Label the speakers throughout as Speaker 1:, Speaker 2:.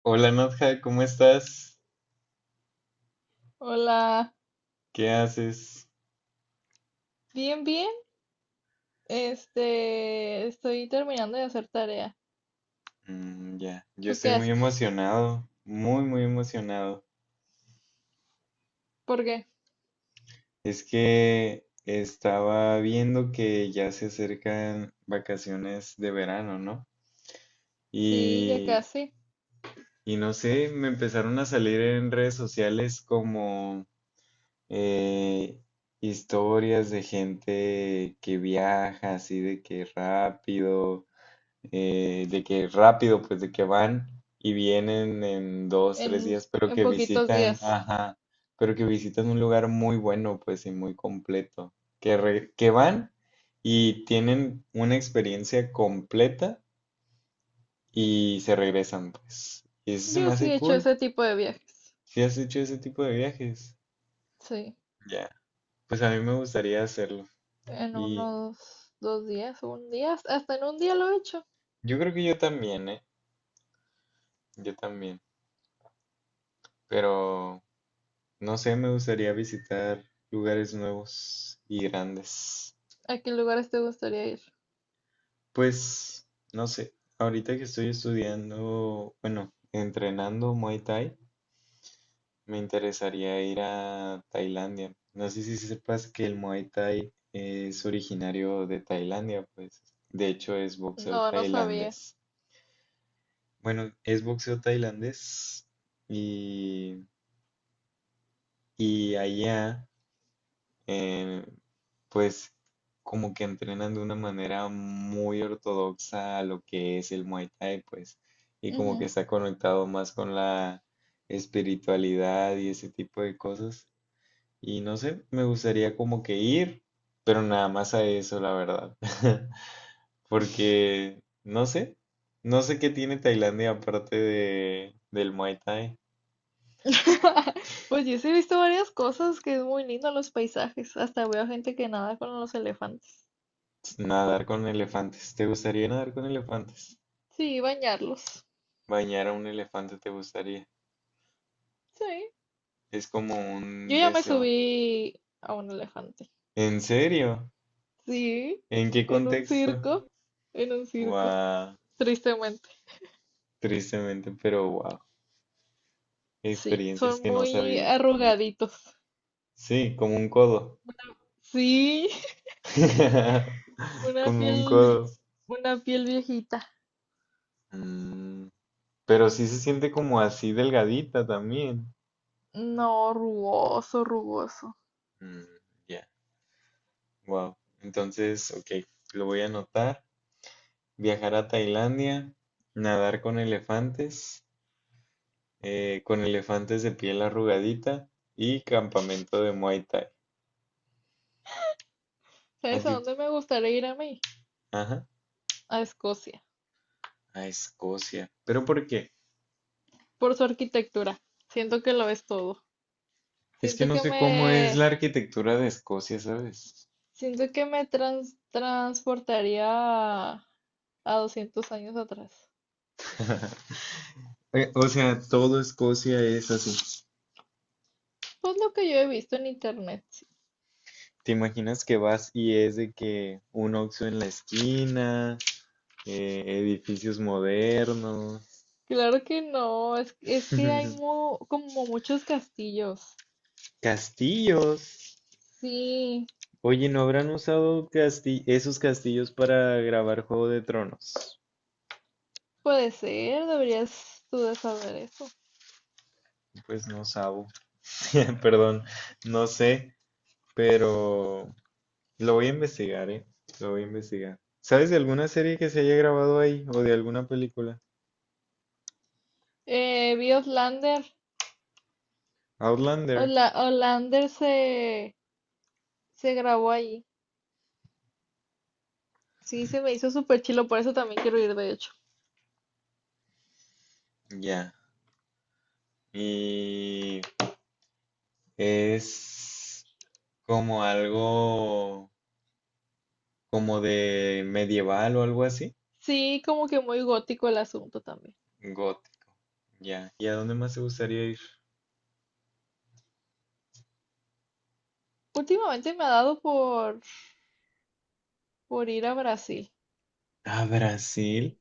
Speaker 1: Hola Nadja, ¿cómo estás?
Speaker 2: Hola,
Speaker 1: ¿Qué haces?
Speaker 2: bien, bien. Estoy terminando de hacer tarea.
Speaker 1: Mm, ya, yo
Speaker 2: ¿Tú qué
Speaker 1: estoy muy
Speaker 2: haces?
Speaker 1: emocionado, muy, muy emocionado.
Speaker 2: ¿Por qué?
Speaker 1: Es que estaba viendo que ya se acercan vacaciones de verano, ¿no?
Speaker 2: Sí, ya
Speaker 1: Y,
Speaker 2: casi,
Speaker 1: y no sé, me empezaron a salir en redes sociales como eh, historias de gente que viaja así de que rápido, pues de que van y vienen en dos, tres
Speaker 2: en,
Speaker 1: días, pero
Speaker 2: en
Speaker 1: que
Speaker 2: poquitos
Speaker 1: visitan,
Speaker 2: días.
Speaker 1: ajá, pero que visitan un lugar muy bueno, pues y muy completo, que van y tienen una experiencia completa y se regresan, pues. Y eso se
Speaker 2: Yo
Speaker 1: me
Speaker 2: sí
Speaker 1: hace
Speaker 2: he hecho
Speaker 1: cool.
Speaker 2: ese tipo de viajes.
Speaker 1: Si has hecho ese tipo de viajes,
Speaker 2: Sí,
Speaker 1: ya. Pues a mí me gustaría hacerlo.
Speaker 2: en
Speaker 1: Y
Speaker 2: unos dos días, un día, hasta en un día lo he hecho.
Speaker 1: yo creo que yo también, ¿eh? Yo también. Pero no sé, me gustaría visitar lugares nuevos y grandes.
Speaker 2: ¿A qué lugares te gustaría ir?
Speaker 1: Pues, no sé, ahorita que estoy estudiando, bueno, entrenando Muay Thai, me interesaría ir a Tailandia. No sé si sepas que el Muay Thai es originario de Tailandia, pues, de hecho es boxeo
Speaker 2: No, no sabía.
Speaker 1: tailandés. Bueno, es boxeo tailandés y, y allá eh, pues como que entrenan de una manera muy ortodoxa a lo que es el Muay Thai, pues, y como que
Speaker 2: Ujú.
Speaker 1: está conectado más con la espiritualidad y ese tipo de cosas. Y no sé, me gustaría como que ir, pero nada más a eso, la verdad. Porque no sé, no sé qué tiene Tailandia aparte del Muay Thai.
Speaker 2: Pues yo sí he visto varias cosas que es muy lindo los paisajes. Hasta veo gente que nada con los elefantes.
Speaker 1: Nadar con elefantes. ¿Te gustaría nadar con elefantes?
Speaker 2: Sí, bañarlos.
Speaker 1: ¿Bañar a un elefante te gustaría?
Speaker 2: Sí.
Speaker 1: Es como
Speaker 2: Yo
Speaker 1: un
Speaker 2: ya me
Speaker 1: deseo.
Speaker 2: subí a un elefante.
Speaker 1: ¿En serio?
Speaker 2: Sí,
Speaker 1: ¿En qué
Speaker 2: en un
Speaker 1: contexto?
Speaker 2: circo, en un circo,
Speaker 1: Wow,
Speaker 2: tristemente.
Speaker 1: tristemente, pero wow.
Speaker 2: Sí,
Speaker 1: Experiencias
Speaker 2: son
Speaker 1: que no
Speaker 2: muy
Speaker 1: sabía.
Speaker 2: arrugaditos.
Speaker 1: Sí, como un codo.
Speaker 2: Sí, una
Speaker 1: Como un
Speaker 2: piel,
Speaker 1: codo.
Speaker 2: una piel viejita.
Speaker 1: Mm, pero sí se siente como así delgadita también.
Speaker 2: No, rugoso, rugoso.
Speaker 1: Mm, ya. Wow. Entonces, ok, lo voy a anotar. Viajar a Tailandia, nadar con elefantes de piel arrugadita y campamento de Muay Thai. A
Speaker 2: ¿Sabes a
Speaker 1: ti-
Speaker 2: dónde me gustaría ir a mí?
Speaker 1: ajá,
Speaker 2: A Escocia,
Speaker 1: a Escocia. ¿Pero por qué?
Speaker 2: por su arquitectura. Siento que lo es todo.
Speaker 1: Es que
Speaker 2: Siento
Speaker 1: no
Speaker 2: que
Speaker 1: sé cómo es
Speaker 2: me,
Speaker 1: la arquitectura de Escocia, ¿sabes?
Speaker 2: siento que me transportaría a, a 200 años atrás.
Speaker 1: O sea, todo Escocia es así.
Speaker 2: Pues lo que yo he visto en internet. Sí.
Speaker 1: ¿Te imaginas que vas y es de que un Oxxo en la esquina, edificios modernos,
Speaker 2: Claro que no, es que hay como muchos castillos.
Speaker 1: castillos?
Speaker 2: Sí,
Speaker 1: Oye, ¿no habrán usado esos castillos para grabar Juego de Tronos?
Speaker 2: puede ser, deberías tú de saber eso.
Speaker 1: Pues no sabo, perdón, no sé, pero lo voy a investigar, ¿eh? Lo voy a investigar. ¿Sabes de alguna serie que se haya grabado ahí o de alguna película?
Speaker 2: Vi Outlander.
Speaker 1: Outlander.
Speaker 2: Ola- Outlander se, se grabó ahí. Sí, se me hizo súper chilo, por eso también quiero ir, de hecho.
Speaker 1: Ya. Y es como algo como de medieval o algo así.
Speaker 2: Sí, como que muy gótico el asunto también.
Speaker 1: Got, ya. ¿Y a dónde más te gustaría ir?
Speaker 2: Últimamente me ha dado por ir a Brasil.
Speaker 1: ¿A Brasil?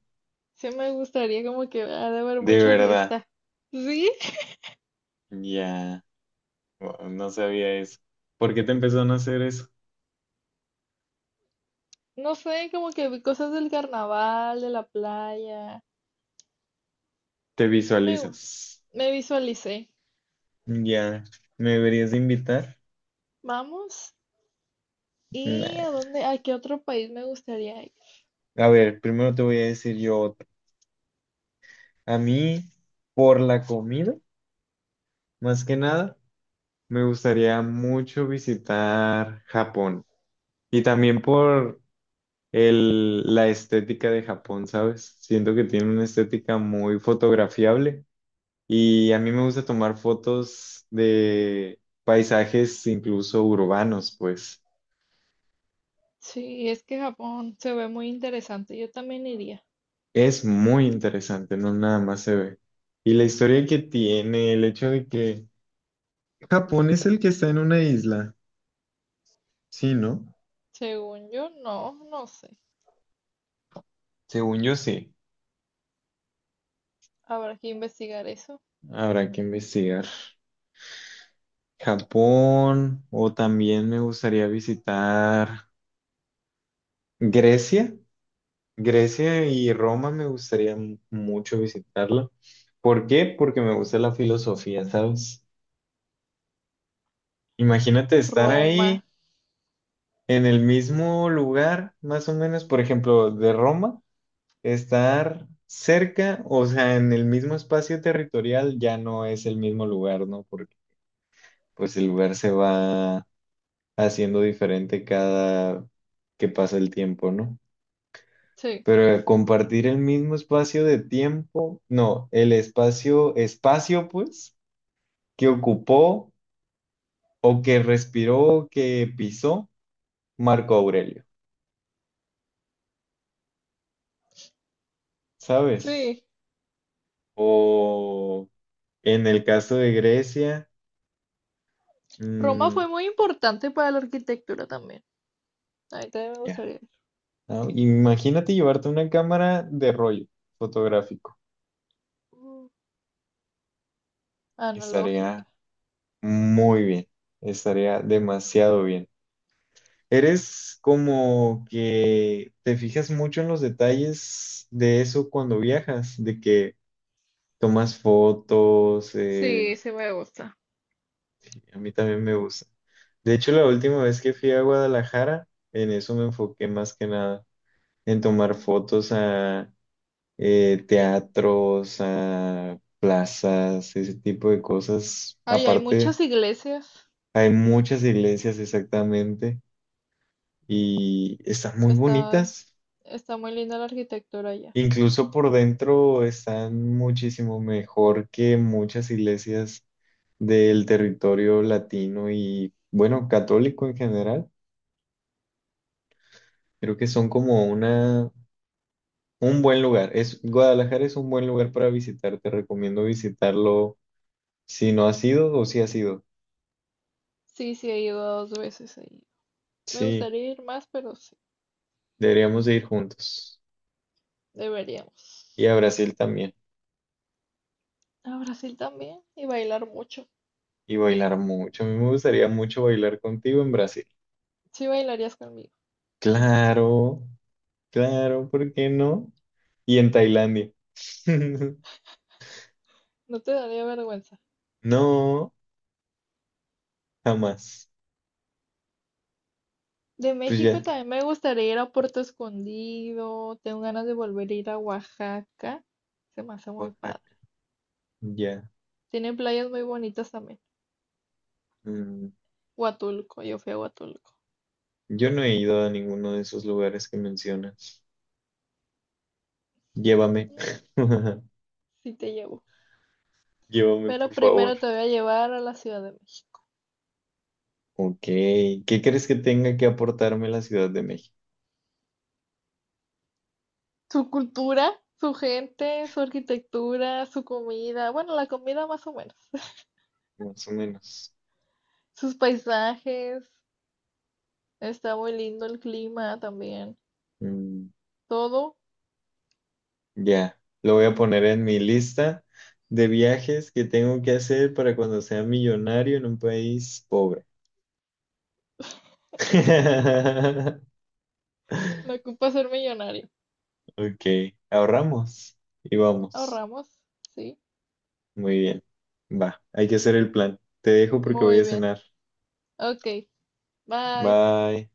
Speaker 2: Sí, me gustaría como que ha de haber
Speaker 1: De
Speaker 2: mucha
Speaker 1: verdad.
Speaker 2: fiesta. ¿Sí?
Speaker 1: Ya. Wow, no sabía eso. ¿Por qué te empezó a hacer eso?
Speaker 2: No sé, como que vi cosas del carnaval, de la playa.
Speaker 1: ¿Te
Speaker 2: Me, gu-
Speaker 1: visualizas?
Speaker 2: me visualicé.
Speaker 1: Ya. ¿Me deberías de invitar?
Speaker 2: Vamos. ¿Y
Speaker 1: Nah.
Speaker 2: a dónde, a qué otro país me gustaría ir?
Speaker 1: A ver, primero te voy a decir yo otro. A mí, por la comida, más que nada, me gustaría mucho visitar Japón. Y también por la estética de Japón, ¿sabes? Siento que tiene una estética muy fotografiable. Y a mí me gusta tomar fotos de paisajes incluso urbanos, pues
Speaker 2: Sí, es que Japón se ve muy interesante. Yo también iría.
Speaker 1: es muy interesante, no nada más se ve. Y la historia que tiene, el hecho de que... Japón es el que está en una isla. Sí, ¿no?
Speaker 2: Según yo, no, no sé.
Speaker 1: Según yo sí,
Speaker 2: Habrá que investigar eso.
Speaker 1: habrá que investigar. Japón o también me gustaría visitar Grecia. Grecia y Roma me gustaría mucho visitarla. ¿Por qué? Porque me gusta la filosofía, ¿sabes? Imagínate estar
Speaker 2: Roma.
Speaker 1: ahí en el mismo lugar, más o menos, por ejemplo, de Roma, estar cerca, o sea, en el mismo espacio territorial ya no es el mismo lugar, ¿no? Porque pues el lugar se va haciendo diferente cada que pasa el tiempo, ¿no?
Speaker 2: Sí,
Speaker 1: Pero compartir el mismo espacio de tiempo, no, el espacio, espacio pues, que ocupó o que respiró, o que pisó Marco Aurelio, ¿sabes?
Speaker 2: sí.
Speaker 1: O en el caso de Grecia,
Speaker 2: Roma
Speaker 1: mm,
Speaker 2: fue muy importante para la arquitectura también. Ahí también me
Speaker 1: ya,
Speaker 2: gustaría ir.
Speaker 1: ¿no? Imagínate llevarte una cámara de rollo fotográfico,
Speaker 2: Mm, analógica.
Speaker 1: estaría muy bien, estaría demasiado bien. ¿Eres como que te fijas mucho en los detalles de eso cuando viajas? De que tomas fotos,
Speaker 2: Sí, sí me gusta.
Speaker 1: a mí también me gusta. De hecho, la última vez que fui a Guadalajara, en eso me enfoqué más que nada, en tomar fotos a teatros, a plazas, ese tipo de cosas.
Speaker 2: Ay, hay
Speaker 1: Aparte,
Speaker 2: muchas iglesias.
Speaker 1: hay muchas iglesias exactamente y están muy
Speaker 2: Está,
Speaker 1: bonitas.
Speaker 2: está muy linda la arquitectura allá.
Speaker 1: Incluso por dentro están muchísimo mejor que muchas iglesias del territorio latino y, bueno, católico en general. Creo que son un buen lugar. Es, Guadalajara es un buen lugar para visitar. Te recomiendo visitarlo si no has ido o si has ido.
Speaker 2: Sí, sí, he ido dos veces ahí. Me
Speaker 1: Sí,
Speaker 2: gustaría ir más, pero sí,
Speaker 1: deberíamos de ir juntos. Y
Speaker 2: deberíamos.
Speaker 1: a Brasil también.
Speaker 2: A Brasil también y bailar mucho.
Speaker 1: Y bailar mucho. A mí me gustaría mucho bailar contigo en Brasil.
Speaker 2: Sí, bailarías conmigo.
Speaker 1: Claro, claro, ¿por qué no? Y en Tailandia.
Speaker 2: No te daría vergüenza.
Speaker 1: No, jamás.
Speaker 2: De
Speaker 1: Pues
Speaker 2: México
Speaker 1: ya,
Speaker 2: también me gustaría ir a Puerto Escondido. Tengo ganas de volver a ir a Oaxaca. Se me hace muy padre.
Speaker 1: Oaxaca, ya.
Speaker 2: Tienen playas muy bonitas también.
Speaker 1: Mm,
Speaker 2: Huatulco, yo fui a Huatulco.
Speaker 1: yo no he ido a ninguno de esos lugares que mencionas. Llévame.
Speaker 2: No, sí te llevo.
Speaker 1: Llévame,
Speaker 2: Pero
Speaker 1: por favor.
Speaker 2: primero te voy a llevar a la Ciudad de México.
Speaker 1: Ok, ¿qué crees que tenga que aportarme la Ciudad de México?
Speaker 2: Su cultura, su gente, su arquitectura, su comida, bueno, la comida más o menos,
Speaker 1: Más o menos.
Speaker 2: sus paisajes, está muy lindo el clima también,
Speaker 1: Mm,
Speaker 2: todo.
Speaker 1: ya, lo voy a poner en mi lista de viajes que tengo que hacer para cuando sea millonario en un país pobre.
Speaker 2: No ocupa ser millonario.
Speaker 1: Ok, ahorramos y vamos.
Speaker 2: Ahorramos, sí.
Speaker 1: Muy bien. Va, hay que hacer el plan. Te dejo porque voy
Speaker 2: Muy
Speaker 1: a
Speaker 2: bien.
Speaker 1: cenar.
Speaker 2: Ok, bye.
Speaker 1: Bye.